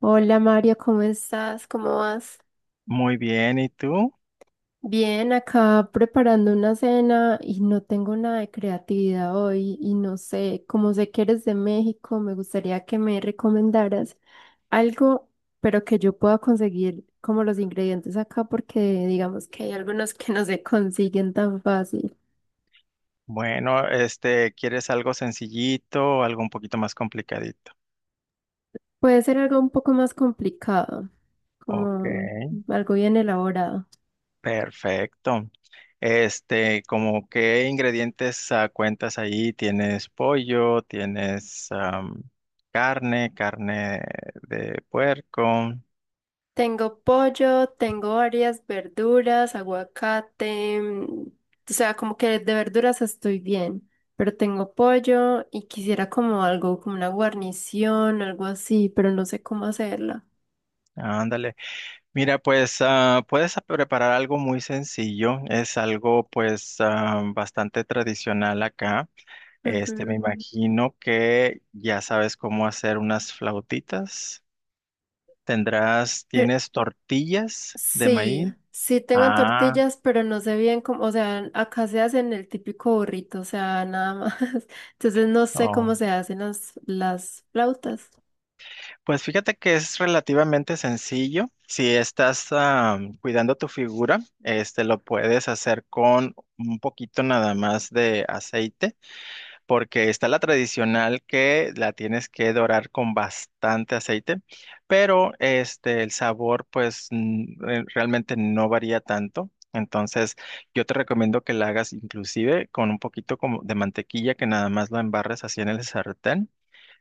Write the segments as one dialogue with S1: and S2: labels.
S1: Hola Mario, ¿cómo estás? ¿Cómo vas?
S2: Muy bien, ¿y tú?
S1: Bien, acá preparando una cena y no tengo nada de creatividad hoy y no sé, como sé que eres de México, me gustaría que me recomendaras algo, pero que yo pueda conseguir como los ingredientes acá porque digamos que hay algunos que no se consiguen tan fácil.
S2: Bueno, este, ¿quieres algo sencillito o algo un poquito más complicadito?
S1: Puede ser algo un poco más complicado,
S2: Ok,
S1: como algo bien elaborado.
S2: perfecto. Este, ¿como qué ingredientes cuentas ahí? ¿Tienes pollo? ¿Tienes carne? ¿Carne de puerco?
S1: Tengo pollo, tengo varias verduras, aguacate, o sea, como que de verduras estoy bien, pero tengo pollo y quisiera como algo, como una guarnición, algo así, pero no sé cómo hacerla.
S2: Ándale. Mira, pues puedes preparar algo muy sencillo. Es algo pues bastante tradicional acá. Este,
S1: Ujú.
S2: me imagino que ya sabes cómo hacer unas flautitas. Tendrás,
S1: Pe-
S2: ¿tienes tortillas de
S1: Sí,
S2: maíz?
S1: sí tengo
S2: Ah,
S1: tortillas, pero no sé bien cómo, o sea, acá se hacen el típico burrito, o sea, nada más. Entonces no sé cómo
S2: oh.
S1: se hacen las flautas.
S2: Pues fíjate que es relativamente sencillo. Si estás cuidando tu figura, este lo puedes hacer con un poquito nada más de aceite. Porque está la tradicional que la tienes que dorar con bastante aceite, pero este el sabor pues realmente no varía tanto. Entonces, yo te recomiendo que la hagas inclusive con un poquito como de mantequilla que nada más lo embarres así en el sartén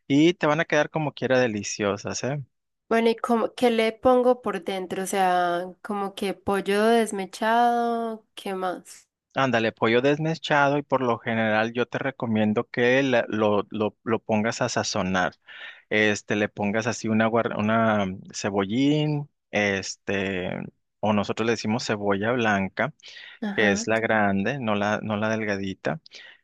S2: y te van a quedar como quiera deliciosas, ¿eh?
S1: Bueno, ¿y cómo, qué le pongo por dentro? O sea, como que pollo desmechado, ¿qué más?
S2: Ándale, pollo desmechado y por lo general yo te recomiendo que lo pongas a sazonar. Este, le pongas así una cebollín, este, o nosotros le decimos cebolla blanca, que es
S1: Ajá.
S2: la grande, no la delgadita.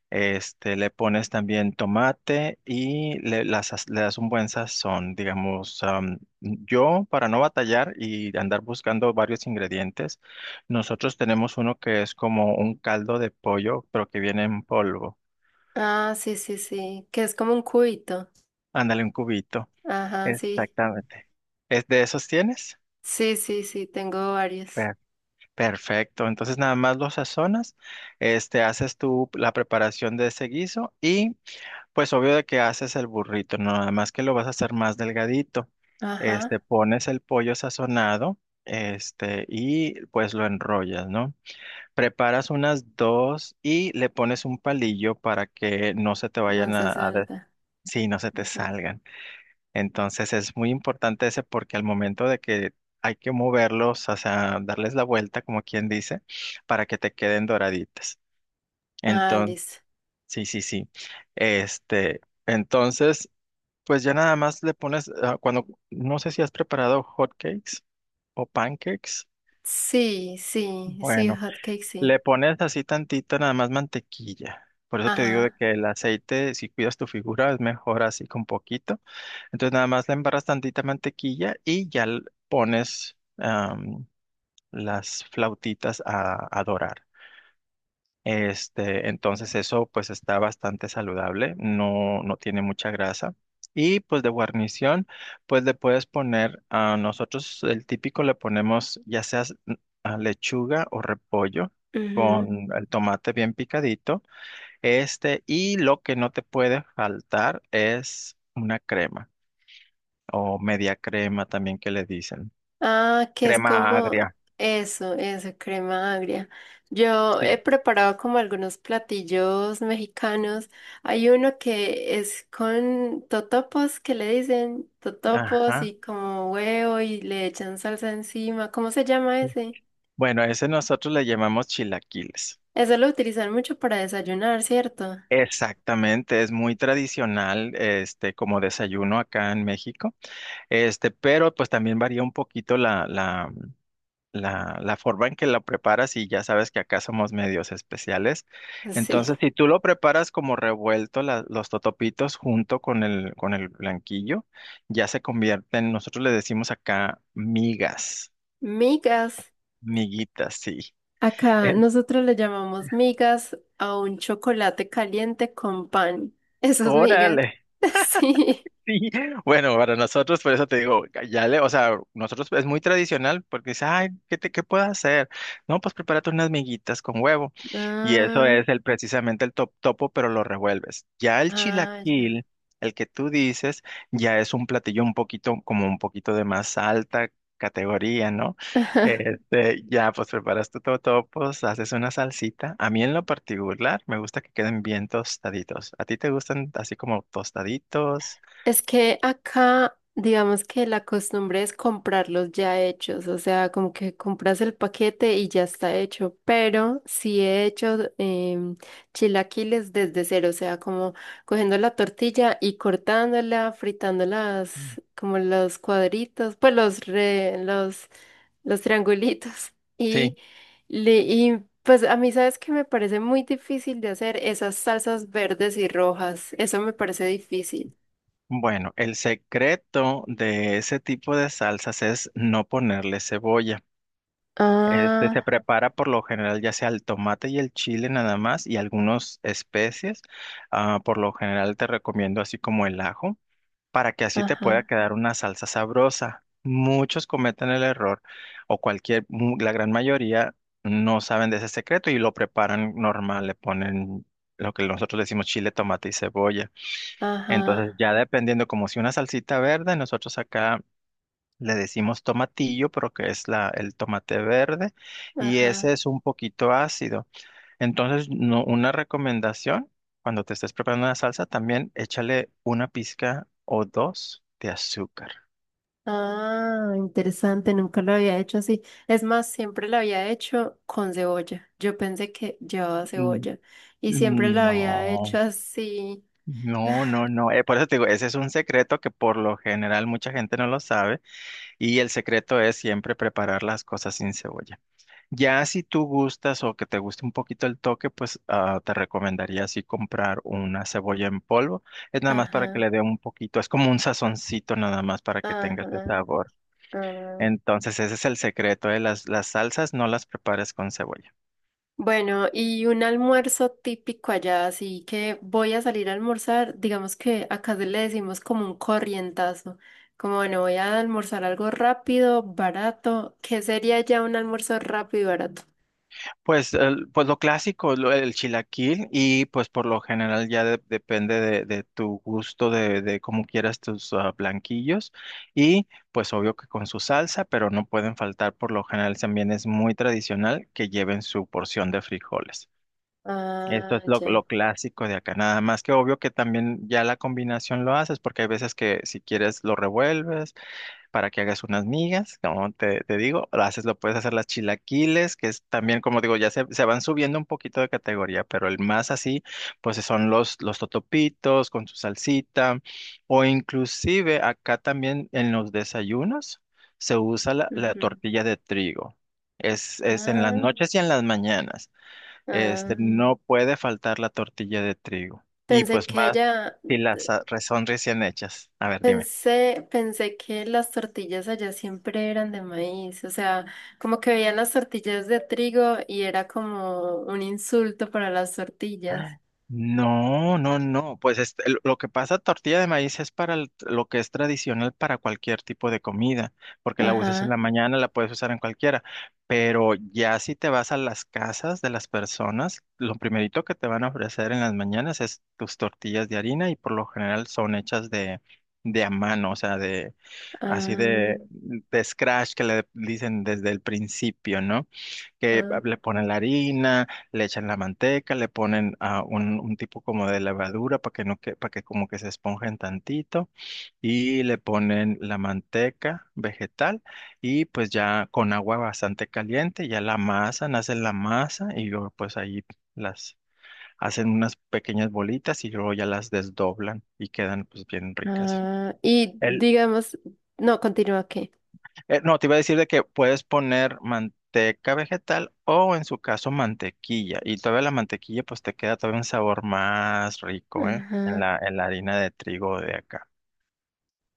S2: Este, le pones también tomate y le das un buen sazón, digamos. Yo, para no batallar y andar buscando varios ingredientes, nosotros tenemos uno que es como un caldo de pollo, pero que viene en polvo.
S1: Ah, sí, sí, sí, que es como un cubito.
S2: Ándale, un cubito.
S1: Ajá, sí.
S2: Exactamente. ¿Es de esos tienes?
S1: Sí, sí, sí, tengo varios.
S2: Per- Perfecto. Entonces nada más lo sazonas, este, haces tú la preparación de ese guiso y pues obvio de que haces el burrito, no nada más que lo vas a hacer más delgadito. Este,
S1: Ajá,
S2: pones el pollo sazonado, este, y pues lo enrollas, ¿no? Preparas unas dos y le pones un palillo para que no se te
S1: no
S2: vayan
S1: se
S2: a, a des-
S1: salga.
S2: Sí, no se te
S1: Ujú.
S2: salgan. Entonces es muy importante ese porque al momento de que hay que moverlos, o sea, darles la vuelta, como quien dice, para que te queden doraditas.
S1: Ah,
S2: Entonces,
S1: listo.
S2: sí, sí, sí. Este, entonces pues ya nada más le pones, cuando, no sé si has preparado hotcakes o pancakes.
S1: Sí, sí, sí,
S2: Bueno,
S1: hot cake, sí.
S2: le pones así tantita nada más mantequilla. Por eso te digo de
S1: Ajá.
S2: que el aceite, si cuidas tu figura, es mejor así con poquito. Entonces nada más le embarras tantita mantequilla y ya pones las flautitas a dorar. Este, entonces eso pues está bastante saludable, no, no tiene mucha grasa. Y pues de guarnición, pues le puedes poner, a nosotros el típico le ponemos ya sea lechuga o repollo con el tomate bien picadito. Este, y lo que no te puede faltar es una crema o media crema también que le dicen.
S1: Ah, que es
S2: Crema
S1: como
S2: agria.
S1: eso, crema agria. Yo
S2: Sí.
S1: he preparado como algunos platillos mexicanos. Hay uno que es con totopos, que le dicen totopos
S2: Ajá.
S1: y como huevo y le echan salsa encima. ¿Cómo se llama ese?
S2: Bueno, a ese nosotros le llamamos chilaquiles.
S1: Eso lo utilizan mucho para desayunar, ¿cierto?
S2: Exactamente, es muy tradicional, este, como desayuno acá en México, este, pero pues también varía un poquito la forma en que lo preparas y ya sabes que acá somos medios especiales.
S1: Sí.
S2: Entonces, si tú lo preparas como revuelto, los totopitos junto con el blanquillo, ya se convierten, nosotros le decimos acá migas,
S1: Migas.
S2: miguitas, sí.
S1: Acá
S2: Eh.
S1: nosotros le llamamos migas a un chocolate caliente con pan. Esas migas.
S2: Órale.
S1: Sí.
S2: Sí, bueno, para nosotros, por eso te digo, ya le, o sea, nosotros es muy tradicional porque dice, ay, ¿qué puedo hacer? No, pues prepárate unas miguitas con huevo. Y eso
S1: Ah,
S2: es el precisamente el topo, pero lo revuelves. Ya el
S1: ah, ya.
S2: chilaquil, el que tú dices, ya es un platillo un poquito, como un poquito de más alta categoría, ¿no? Este, ya pues preparas tu totopos, haces una salsita. A mí en lo particular me gusta que queden bien tostaditos. ¿A ti te gustan así como tostaditos?
S1: Es que acá, digamos que la costumbre es comprarlos ya hechos, o sea, como que compras el paquete y ya está hecho, pero sí he hecho chilaquiles desde cero, o sea, como cogiendo la tortilla y cortándola, fritando las, como los cuadritos, pues los triangulitos y...
S2: Sí,
S1: Y pues a mí, ¿sabes que me parece muy difícil de hacer esas salsas verdes y rojas? Eso me parece difícil.
S2: bueno, el secreto de ese tipo de salsas es no ponerle cebolla. Este se
S1: Ah,
S2: prepara por lo general ya sea el tomate y el chile nada más y algunas especies. Ah, por lo general te recomiendo así como el ajo para que así te pueda
S1: ajá,
S2: quedar una salsa sabrosa. Muchos cometen el error o cualquier, la gran mayoría no saben de ese secreto y lo preparan normal, le ponen lo que nosotros le decimos chile, tomate y cebolla. Entonces,
S1: ajá,
S2: ya dependiendo, como si una salsita verde, nosotros acá le decimos tomatillo, pero que es la, el tomate verde, y ese
S1: ajá.
S2: es un poquito ácido. Entonces, no, una recomendación, cuando te estés preparando una salsa, también échale una pizca o dos de azúcar.
S1: Ah, interesante, nunca lo había hecho así. Es más, siempre lo había hecho con cebolla. Yo pensé que llevaba
S2: N-
S1: cebolla y siempre lo había hecho
S2: No,
S1: así.
S2: no, no, no. Por eso te digo, ese es un secreto que por lo general mucha gente no lo sabe, y el secreto es siempre preparar las cosas sin cebolla. Ya si tú gustas o que te guste un poquito el toque, pues te recomendaría así comprar una cebolla en polvo. Es nada más para que
S1: Ajá,
S2: le dé un poquito, es como un sazoncito nada más para que tenga ese
S1: ajá.
S2: sabor.
S1: Ah.
S2: Entonces ese es el secreto, ¿eh? Las salsas no las prepares con cebolla.
S1: Bueno, y un almuerzo típico allá, así que voy a salir a almorzar. Digamos que acá se le decimos como un corrientazo. Como bueno, voy a almorzar algo rápido, barato. ¿Qué sería ya un almuerzo rápido y barato?
S2: Pues, pues lo clásico, el chilaquil y pues por lo general ya depende de tu gusto, de cómo quieras tus blanquillos y pues obvio que con su salsa, pero no pueden faltar por lo general también es muy tradicional que lleven su porción de frijoles. Esto
S1: Ah,
S2: es lo,
S1: ya.
S2: lo clásico de acá, nada más que obvio que también ya la combinación lo haces porque hay veces que si quieres lo revuelves para que hagas unas migas, como te digo, lo haces, lo puedes hacer las chilaquiles, que es también, como digo, ya se van subiendo un poquito de categoría, pero el más así, pues son los totopitos con su salsita, o inclusive acá también en los desayunos se usa la
S1: Ujú.
S2: tortilla de trigo. Es en las
S1: Ah,
S2: noches y en las mañanas. Este,
S1: ah.
S2: no puede faltar la tortilla de trigo. Y
S1: Pensé
S2: pues
S1: que
S2: más
S1: allá,
S2: si las son recién hechas. A ver, dime.
S1: pensé, pensé que las tortillas allá siempre eran de maíz, o sea, como que veían las tortillas de trigo y era como un insulto para las tortillas.
S2: No, no, no. Pues este, lo que pasa, tortilla de maíz es para lo que es tradicional para cualquier tipo de comida, porque la usas en la
S1: Ajá,
S2: mañana, la puedes usar en cualquiera. Pero ya si te vas a las casas de las personas, lo primerito que te van a ofrecer en las mañanas es tus tortillas de harina y por lo general son hechas de a mano, o sea, de así
S1: ah,
S2: de scratch que le dicen desde el principio, ¿no? Que
S1: ah,
S2: le ponen la harina, le echan la manteca, le ponen un tipo como de levadura para que no que, para que como que se esponjen tantito y le ponen la manteca vegetal y pues ya con agua bastante caliente ya la amasan, hacen la masa y luego pues ahí las hacen unas pequeñas bolitas y luego ya las desdoblan y quedan pues bien ricas.
S1: ah. Y
S2: El,
S1: digamos, no, continúa que.
S2: no, te iba a decir de que puedes poner manteca vegetal o en su caso mantequilla. Y todavía la mantequilla pues te queda todavía un sabor más rico, ¿eh? En
S1: Ajá.
S2: la harina de trigo de acá.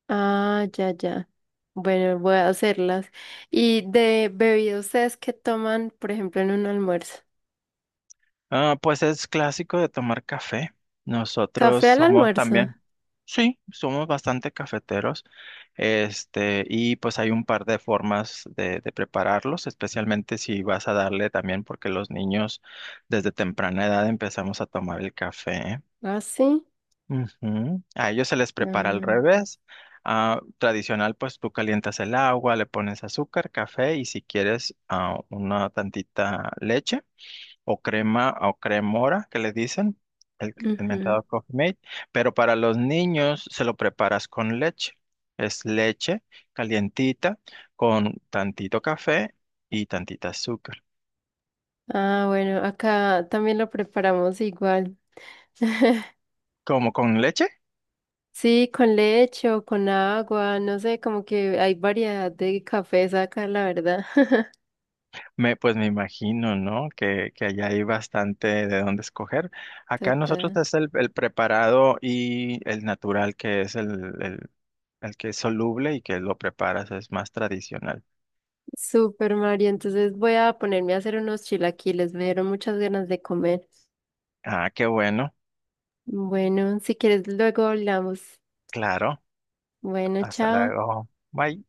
S1: Ah, ya, ya. Bueno, voy a hacerlas. ¿Y de bebidas ustedes qué toman, por ejemplo, en un almuerzo?
S2: Ah, pues es clásico de tomar café. Nosotros
S1: ¿Café al
S2: somos
S1: almuerzo?
S2: también, sí, somos bastante cafeteros. Este, y pues hay un par de formas de prepararlos, especialmente si vas a darle también, porque los niños desde temprana edad empezamos a tomar el café. ¿Eh?
S1: Ah, sí.
S2: Ujú. A ellos se les prepara al
S1: Ah,
S2: revés. Ah, tradicional, pues tú calientas el agua, le pones azúcar, café y si quieres una tantita leche o crema o cremora que le dicen, el
S1: ujú.
S2: mentado Coffee Mate. Pero para los niños se lo preparas con leche. Es leche calientita con tantito café y tantita azúcar.
S1: Ah, bueno, acá también lo preparamos igual.
S2: ¿Cómo con leche?
S1: Sí, con leche o con agua, no sé, como que hay variedad de cafés acá, la verdad.
S2: Pues me imagino, ¿no? Que allá hay bastante de dónde escoger. Acá nosotros
S1: Total.
S2: es el preparado y el natural, que es el, el que es soluble y que lo preparas, es más tradicional.
S1: Super Mario, entonces voy a ponerme a hacer unos chilaquiles, me dieron muchas ganas de comer.
S2: Ah, qué bueno.
S1: Bueno, si quieres, luego hablamos.
S2: Claro.
S1: Bueno,
S2: Hasta
S1: chao.
S2: luego. Bye.